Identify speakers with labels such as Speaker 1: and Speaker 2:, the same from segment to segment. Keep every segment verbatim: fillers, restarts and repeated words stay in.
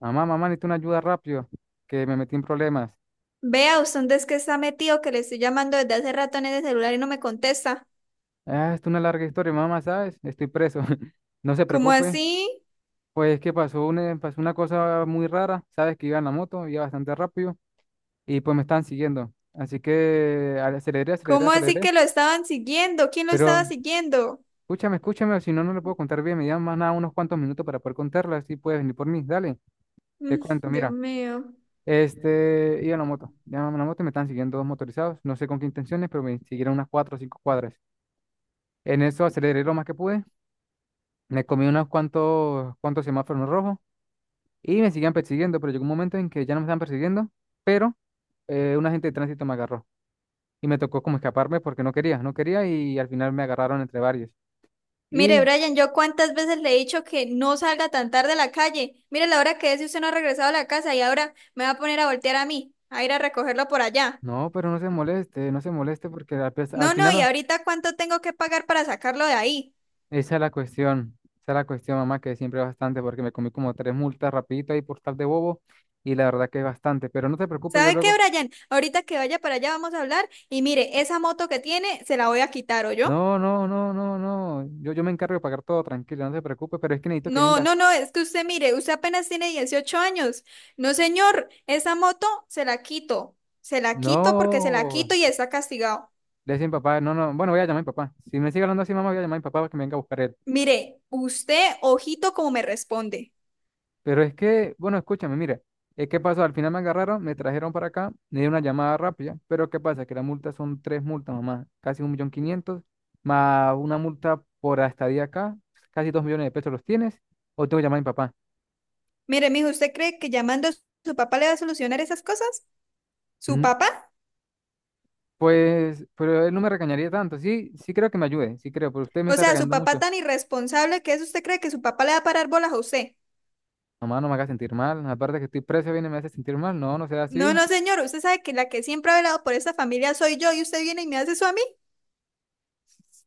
Speaker 1: Mamá, mamá, necesito una ayuda rápido, que me metí en problemas.
Speaker 2: Vea, usted dónde es que está metido, que le estoy llamando desde hace rato en ese celular y no me contesta.
Speaker 1: Ah, esto es una larga historia, mamá, ¿sabes? Estoy preso. No se
Speaker 2: ¿Cómo
Speaker 1: preocupe.
Speaker 2: así?
Speaker 1: Pues es que pasó una, pasó una cosa muy rara. Sabes que iba en la moto, iba bastante rápido y pues me están siguiendo. Así que aceleré, aceleré,
Speaker 2: ¿Cómo así
Speaker 1: aceleré.
Speaker 2: que lo estaban siguiendo? ¿Quién lo estaba
Speaker 1: Pero
Speaker 2: siguiendo?
Speaker 1: escúchame, escúchame, o si no, no le puedo contar bien. Me llevan más nada unos cuantos minutos para poder contarla. Así puedes venir por mí. Dale, te
Speaker 2: Mm,
Speaker 1: cuento,
Speaker 2: Dios
Speaker 1: mira.
Speaker 2: mío.
Speaker 1: Este, iba en la moto, iba en la moto y me están siguiendo dos motorizados. No sé con qué intenciones, pero me siguieron unas cuatro o cinco cuadras. En eso aceleré lo más que pude. Me comí unos cuantos, cuantos semáforos rojos y me seguían persiguiendo, pero llegó un momento en que ya no me estaban persiguiendo, pero eh, un agente de tránsito me agarró y me tocó como escaparme porque no quería, no quería y al final me agarraron entre varios.
Speaker 2: Mire,
Speaker 1: Y
Speaker 2: Brian, yo cuántas veces le he dicho que no salga tan tarde a la calle. Mire la hora que es y usted no ha regresado a la casa y ahora me va a poner a voltear a mí, a ir a recogerlo por allá.
Speaker 1: no, pero no se moleste, no se moleste porque al, pes- al
Speaker 2: No, no,
Speaker 1: final
Speaker 2: y
Speaker 1: o-
Speaker 2: ahorita cuánto tengo que pagar para sacarlo de ahí.
Speaker 1: esa es la cuestión, esa es la cuestión, mamá, que siempre es bastante porque me comí como tres multas rapidito ahí por tal de bobo y la verdad que es bastante, pero no te preocupes, yo
Speaker 2: ¿Sabe qué,
Speaker 1: luego.
Speaker 2: Brian? Ahorita que vaya para allá vamos a hablar y mire, esa moto que tiene se la voy a quitar, yo.
Speaker 1: No, no, no, no, no. Yo, yo me encargo de pagar todo, tranquilo, no se preocupe, pero es que necesito que
Speaker 2: No,
Speaker 1: vengas.
Speaker 2: no, no, es que usted mire, usted apenas tiene dieciocho años. No, señor, esa moto se la quito. Se la quito porque se la
Speaker 1: No,
Speaker 2: quito y está castigado.
Speaker 1: le decía a mi papá, no, no. Bueno, voy a llamar a mi papá. Si me sigue hablando así, mamá, voy a llamar a mi papá para que me venga a buscar él.
Speaker 2: Mire, usted, ojito como me responde.
Speaker 1: Pero es que, bueno, escúchame, mira. Es que pasó, al final me agarraron, me trajeron para acá, me dieron una llamada rápida, pero ¿qué pasa? Que las multas son tres multas, mamá, casi un millón quinientos, más una multa por la estadía acá, casi dos millones de pesos los tienes, o tengo que llamar a mi papá.
Speaker 2: Mire, mijo, ¿usted cree que llamando a su papá le va a solucionar esas cosas? ¿Su
Speaker 1: Mm.
Speaker 2: papá?
Speaker 1: Pues, pero él no me regañaría tanto. Sí, sí creo que me ayude, sí creo, pero usted me
Speaker 2: O
Speaker 1: está
Speaker 2: sea, su
Speaker 1: regañando
Speaker 2: papá
Speaker 1: mucho.
Speaker 2: tan irresponsable que es, ¿usted cree que su papá le va a parar bolas a usted?
Speaker 1: Mamá, no me haga sentir mal. Aparte que estoy preso, viene y me hace sentir mal. No, no sea
Speaker 2: No,
Speaker 1: así.
Speaker 2: no, señor, usted sabe que la que siempre ha velado por esta familia soy yo y usted viene y me hace eso a mí.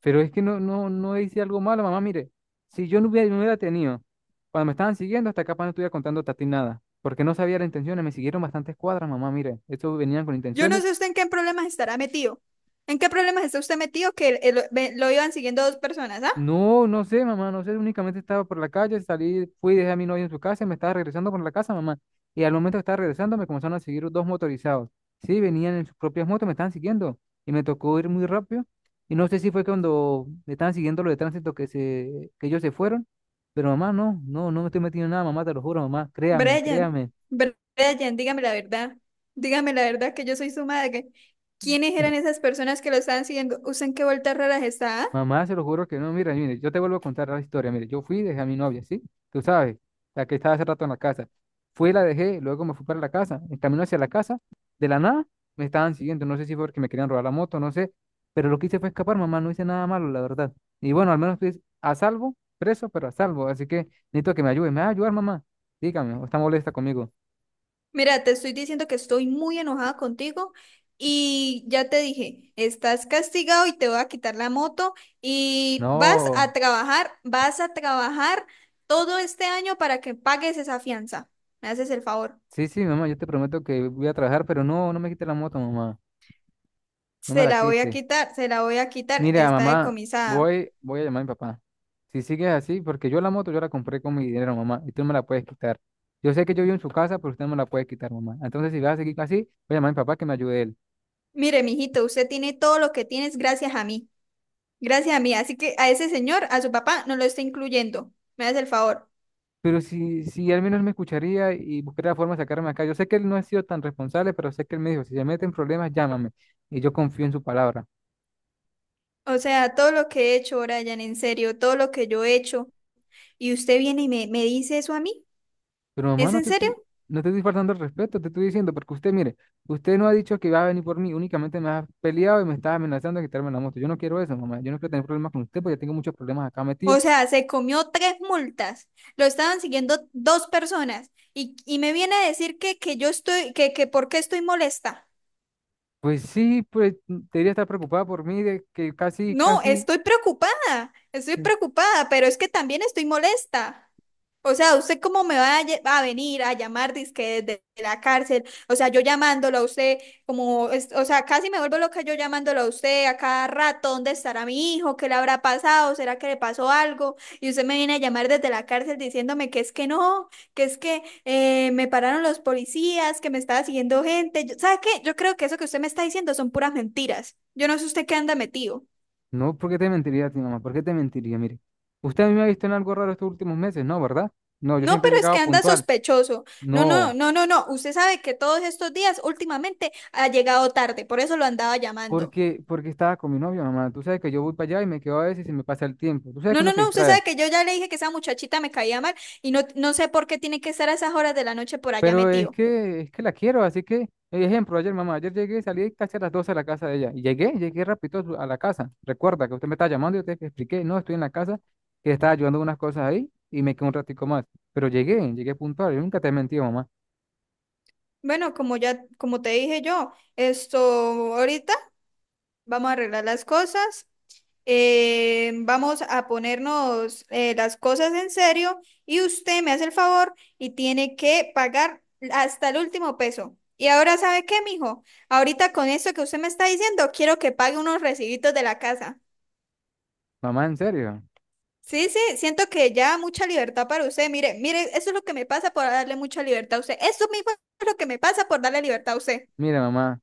Speaker 1: Pero es que no, no, no hice algo malo, mamá. Mire, si yo no hubiera, no hubiera tenido, cuando me estaban siguiendo, hasta acá no estuviera contando a ti nada, porque no sabía las intenciones, me siguieron bastantes cuadras, mamá. Mire, estos venían con
Speaker 2: Yo no
Speaker 1: intenciones.
Speaker 2: sé usted en qué problemas estará metido. ¿En qué problemas está usted metido que el- el- ve- lo iban siguiendo dos personas, ah?
Speaker 1: No, no sé, mamá, no sé, únicamente estaba por la calle, salí, fui, dejé a mi novia en su casa y me estaba regresando por la casa, mamá. Y al momento que estaba regresando me comenzaron a seguir dos motorizados. Sí, venían en sus propias motos, me estaban siguiendo y me tocó ir muy rápido. Y no sé si fue cuando me estaban siguiendo lo de tránsito que se, que ellos se fueron, pero mamá, no, no, no me estoy metiendo en nada, mamá, te lo juro, mamá, créame,
Speaker 2: Brian,
Speaker 1: créame.
Speaker 2: Br- Brian, dígame la verdad. Dígame la verdad que yo soy su madre. ¿Quiénes eran esas personas que lo estaban siguiendo? ¿Usted en qué vueltas raras está? Ah?
Speaker 1: Mamá, se lo juro que no. Mira, mire, yo te vuelvo a contar la historia. Mire, yo fui, dejé a mi novia, ¿sí? Tú sabes, la que estaba hace rato en la casa. Fui, la dejé, luego me fui para la casa. En camino hacia la casa, de la nada, me estaban siguiendo. No sé si fue porque me querían robar la moto, no sé. Pero lo que hice fue escapar, mamá. No hice nada malo, la verdad. Y bueno, al menos estoy a salvo, preso, pero a salvo. Así que necesito que me ayude. ¿Me va a ayudar, mamá? Dígame, ¿o está molesta conmigo?
Speaker 2: Mira, te estoy diciendo que estoy muy enojada contigo y ya te dije, estás castigado y te voy a quitar la moto y vas
Speaker 1: No.
Speaker 2: a trabajar, vas a trabajar todo este año para que pagues esa fianza. ¿Me haces el favor?
Speaker 1: Sí, sí, mamá, yo te prometo que voy a trabajar, pero no, no me quite la moto, mamá. No me
Speaker 2: Se
Speaker 1: la
Speaker 2: la voy a
Speaker 1: quite.
Speaker 2: quitar, se la voy a quitar,
Speaker 1: Mira,
Speaker 2: está
Speaker 1: mamá,
Speaker 2: decomisada.
Speaker 1: voy, voy a llamar a mi papá. Si sigues así, porque yo la moto yo la compré con mi dinero, mamá, y tú me la puedes quitar. Yo sé que yo vivo en su casa, pero usted no me la puede quitar, mamá. Entonces, si vas a seguir así, voy a llamar a mi papá que me ayude él.
Speaker 2: Mire, mijito, usted tiene todo lo que tienes gracias a mí, gracias a mí. Así que a ese señor, a su papá, no lo está incluyendo. Me hace el favor.
Speaker 1: Pero si, si al menos me escucharía y buscaría la forma de sacarme acá, yo sé que él no ha sido tan responsable, pero sé que él me dijo, si se mete en problemas, llámame. Y yo confío en su palabra.
Speaker 2: O sea, todo lo que he hecho, Brian, en serio, todo lo que yo he hecho, y usted viene y me, me dice eso a mí,
Speaker 1: Pero mamá,
Speaker 2: ¿es
Speaker 1: no
Speaker 2: en
Speaker 1: te,
Speaker 2: serio?
Speaker 1: estoy- no te estoy faltando el respeto, te estoy diciendo, porque usted, mire, usted no ha dicho que va a venir por mí, únicamente me ha peleado y me está amenazando de quitarme la moto. Yo no quiero eso, mamá. Yo no quiero tener problemas con usted, porque ya tengo muchos problemas acá metido.
Speaker 2: O sea, se comió tres multas, lo estaban siguiendo dos personas, y, y me viene a decir que, que yo estoy, que, que por qué estoy molesta.
Speaker 1: Pues sí, pues debería estar preocupada por mí, de que casi,
Speaker 2: No,
Speaker 1: casi.
Speaker 2: estoy preocupada, estoy preocupada, pero es que también estoy molesta. O sea, ¿usted cómo me va a, lle- a venir a llamar dizque desde la cárcel? O sea, yo llamándolo a usted, como, es- o sea, casi me vuelvo loca yo llamándolo a usted a cada rato, ¿dónde estará mi hijo? ¿Qué le habrá pasado? ¿Será que le pasó algo? Y usted me viene a llamar desde la cárcel diciéndome que es que no, que es que eh, me pararon los policías, que me estaba siguiendo gente. Yo- ¿Sabe qué? Yo creo que eso que usted me está diciendo son puras mentiras. Yo no sé usted qué anda metido.
Speaker 1: No, ¿por qué te mentiría a ti, mamá? ¿Por qué te mentiría? Mire, usted a mí me ha visto en algo raro estos últimos meses, ¿no? ¿Verdad? No, yo
Speaker 2: No,
Speaker 1: siempre he
Speaker 2: pero es
Speaker 1: llegado
Speaker 2: que anda
Speaker 1: puntual.
Speaker 2: sospechoso. No, no,
Speaker 1: No,
Speaker 2: no, no, no. Usted sabe que todos estos días últimamente ha llegado tarde, por eso lo andaba llamando.
Speaker 1: porque, porque estaba con mi novio, mamá. Tú sabes que yo voy para allá y me quedo a veces y se me pasa el tiempo. Tú sabes que
Speaker 2: No,
Speaker 1: uno
Speaker 2: no,
Speaker 1: se
Speaker 2: no, usted
Speaker 1: distrae.
Speaker 2: sabe que yo ya le dije que esa muchachita me caía mal y no, no sé por qué tiene que estar a esas horas de la noche por allá
Speaker 1: Pero es
Speaker 2: metido.
Speaker 1: que, es que la quiero, así que, ejemplo, ayer, mamá, ayer llegué, salí casi a las doce de la casa de ella. Y llegué, llegué rápido a su- a la casa. Recuerda que usted me estaba llamando y yo te expliqué, no, estoy en la casa, que estaba ayudando unas cosas ahí y me quedé un ratico más. Pero llegué, llegué puntual, yo nunca te he mentido, mamá.
Speaker 2: Bueno, como ya, como te dije yo, esto ahorita vamos a arreglar las cosas, eh, vamos a ponernos, eh, las cosas en serio y usted me hace el favor y tiene que pagar hasta el último peso. Y ahora, ¿sabe qué, mijo? Ahorita con esto que usted me está diciendo, quiero que pague unos recibitos de la casa.
Speaker 1: Mamá, en serio.
Speaker 2: Sí, sí, siento que ya mucha libertad para usted. Mire, mire, eso es lo que me pasa por darle mucha libertad a usted. Eso mismo es lo que me pasa por darle libertad a usted.
Speaker 1: Mira, mamá,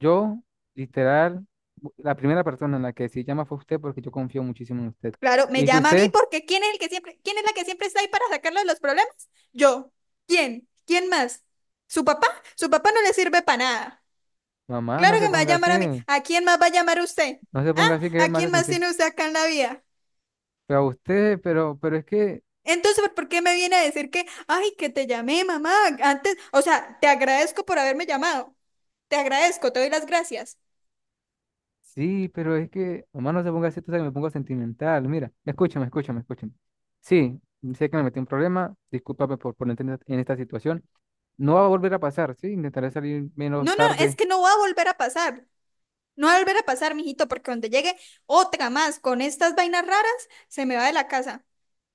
Speaker 1: yo, literal, bu- la primera persona en la que sí llama fue usted porque yo confío muchísimo en usted.
Speaker 2: Claro, me
Speaker 1: Y que
Speaker 2: llama a mí
Speaker 1: usted,
Speaker 2: porque ¿quién es el que siempre, quién es la que siempre está ahí para sacarlo de los problemas? Yo. ¿Quién? ¿Quién más? ¿Su papá? Su papá no le sirve para nada.
Speaker 1: mamá, no
Speaker 2: Claro que
Speaker 1: se
Speaker 2: me va a
Speaker 1: ponga así,
Speaker 2: llamar a mí. ¿A quién más va a llamar usted?
Speaker 1: no se
Speaker 2: ¿Ah?
Speaker 1: ponga así que
Speaker 2: ¿A
Speaker 1: me hace
Speaker 2: quién más
Speaker 1: sentir.
Speaker 2: tiene usted acá en la vida?
Speaker 1: Pero a usted, pero, pero es que.
Speaker 2: Entonces, ¿por qué me viene a decir que, ay, que te llamé, mamá? Antes, o sea, te agradezco por haberme llamado. Te agradezco, te doy las gracias.
Speaker 1: Sí, pero es que, mamá, no se ponga así, tú sabes que me pongo sentimental. Mira, escúchame, escúchame, escúchame. Sí, sé que me metí en un problema, discúlpame por ponerte en esta en esta situación. No va a volver a pasar, sí, intentaré salir menos
Speaker 2: No, no, es
Speaker 1: tarde.
Speaker 2: que no va a volver a pasar. No va a volver a pasar, mijito, porque cuando llegue otra más con estas vainas raras, se me va de la casa.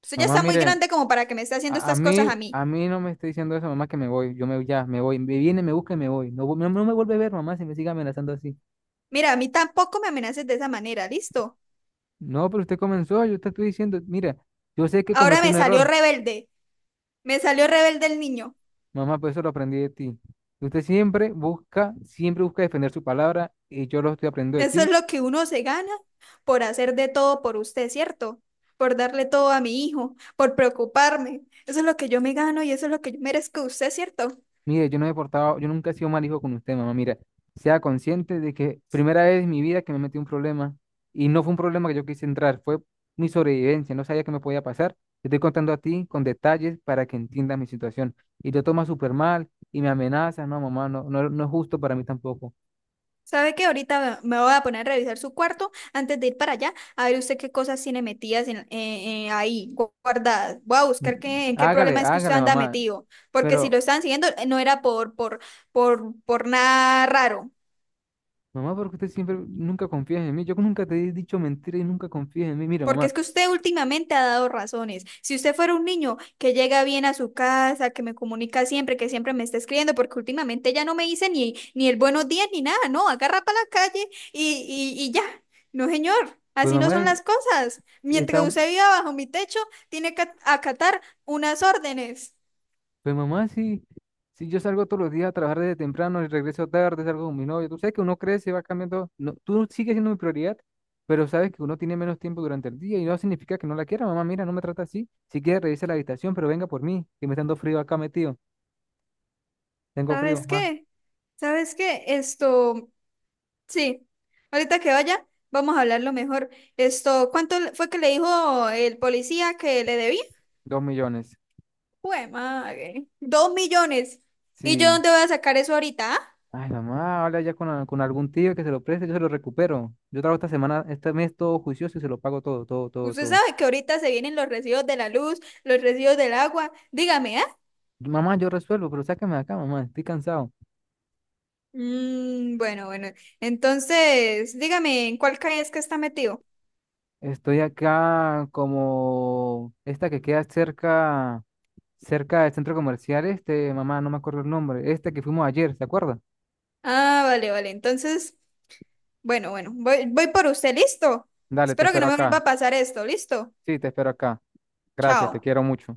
Speaker 2: Usted ya
Speaker 1: Mamá,
Speaker 2: está muy
Speaker 1: mire,
Speaker 2: grande como para que me esté haciendo
Speaker 1: a, a
Speaker 2: estas cosas a
Speaker 1: mí,
Speaker 2: mí.
Speaker 1: a mí no me está diciendo eso, mamá, que me voy, yo me voy ya, me voy, me viene, me busca y me voy. No, vu- no, no me vuelve a ver, mamá, si me sigue amenazando así.
Speaker 2: Mira, a mí tampoco me amenaces de esa manera, ¿listo?
Speaker 1: No, pero usted comenzó, yo te estoy diciendo, mira, yo sé que
Speaker 2: Ahora
Speaker 1: cometí
Speaker 2: me
Speaker 1: un
Speaker 2: salió
Speaker 1: error.
Speaker 2: rebelde. Me salió rebelde el niño.
Speaker 1: Mamá, pues eso lo aprendí de ti. Usted siempre busca, siempre busca defender su palabra y yo lo estoy aprendiendo de
Speaker 2: Eso es
Speaker 1: ti.
Speaker 2: lo que uno se gana por hacer de todo por usted, ¿cierto? Por darle todo a mi hijo, por preocuparme. Eso es lo que yo me gano y eso es lo que yo merezco de usted, ¿cierto?
Speaker 1: Mire, yo no me he portado, yo nunca he sido mal hijo con usted, mamá. Mira, sea consciente de que primera vez en mi vida que me metí en un problema y no fue un problema que yo quise entrar, fue mi sobrevivencia, no sabía qué me podía pasar. Te estoy contando a ti con detalles para que entiendas mi situación. Y lo tomas súper mal y me amenazas, no, mamá, no, no, no es justo para mí tampoco.
Speaker 2: ¿Sabe que ahorita me voy a poner a revisar su cuarto antes de ir para allá, a ver usted qué cosas tiene metidas en- eh, eh, ahí gu- guardadas. Voy a buscar
Speaker 1: Mm,
Speaker 2: qué, en qué
Speaker 1: Hágale,
Speaker 2: problema es que usted
Speaker 1: hágale,
Speaker 2: anda
Speaker 1: mamá.
Speaker 2: metido, porque si lo
Speaker 1: Pero
Speaker 2: estaban siguiendo, eh, no era por, por, por, por nada raro.
Speaker 1: mamá, porque usted siempre nunca confía en mí. Yo nunca te he dicho mentira y nunca confías en mí. Mira,
Speaker 2: Porque es
Speaker 1: mamá,
Speaker 2: que usted últimamente ha dado razones. Si usted fuera un niño que llega bien a su casa, que me comunica siempre, que siempre me está escribiendo, porque últimamente ya no me dice ni, ni el buenos días ni nada, no, agarra para la calle y, y, y ya. No, señor,
Speaker 1: pues
Speaker 2: así no
Speaker 1: mamá
Speaker 2: son
Speaker 1: es-
Speaker 2: las cosas.
Speaker 1: está,
Speaker 2: Mientras
Speaker 1: un-
Speaker 2: usted viva bajo mi techo, tiene que acatar unas órdenes.
Speaker 1: pues mamá sí, si yo salgo todos los días a trabajar desde temprano y regreso tarde, salgo con mi novio. Tú sabes que uno crece, va cambiando. No, tú sigues siendo mi prioridad, pero sabes que uno tiene menos tiempo durante el día y no significa que no la quiera. Mamá, mira, no me trata así. Si quiere, revisa la habitación, pero venga por mí, que me está dando frío acá metido. Tengo frío,
Speaker 2: ¿Sabes
Speaker 1: mamá.
Speaker 2: qué? ¿Sabes qué? Esto, sí, ahorita que vaya, vamos a hablarlo mejor. Esto, ¿cuánto le- fue que le dijo el policía que le debía?
Speaker 1: Dos millones.
Speaker 2: Jue madre. Dos millones. ¿Y yo
Speaker 1: Sí.
Speaker 2: dónde voy a sacar eso ahorita? Ah?
Speaker 1: Ay, mamá, habla ya con, a- con algún tío que se lo preste, yo se lo recupero. Yo trabajo esta semana, este mes todo juicioso y se lo pago todo, todo, todo,
Speaker 2: Usted
Speaker 1: todo.
Speaker 2: sabe que ahorita se vienen los residuos de la luz, los residuos del agua. Dígame, ¿ah?
Speaker 1: Mamá, yo resuelvo, pero sáqueme de acá, mamá, estoy cansado.
Speaker 2: Mm, bueno, bueno. Entonces, dígame, ¿en cuál calle es que está metido?
Speaker 1: Estoy acá como esta que queda cerca, cerca del centro comercial, este, mamá, no me acuerdo el nombre, este que fuimos ayer, ¿se acuerda?
Speaker 2: Ah, vale, vale. Entonces, bueno, bueno. Voy, voy por usted, ¿listo?
Speaker 1: Dale, te
Speaker 2: Espero que
Speaker 1: espero
Speaker 2: no me vuelva
Speaker 1: acá.
Speaker 2: a pasar esto, ¿listo?
Speaker 1: Sí, te espero acá. Gracias, te
Speaker 2: Chao.
Speaker 1: quiero mucho.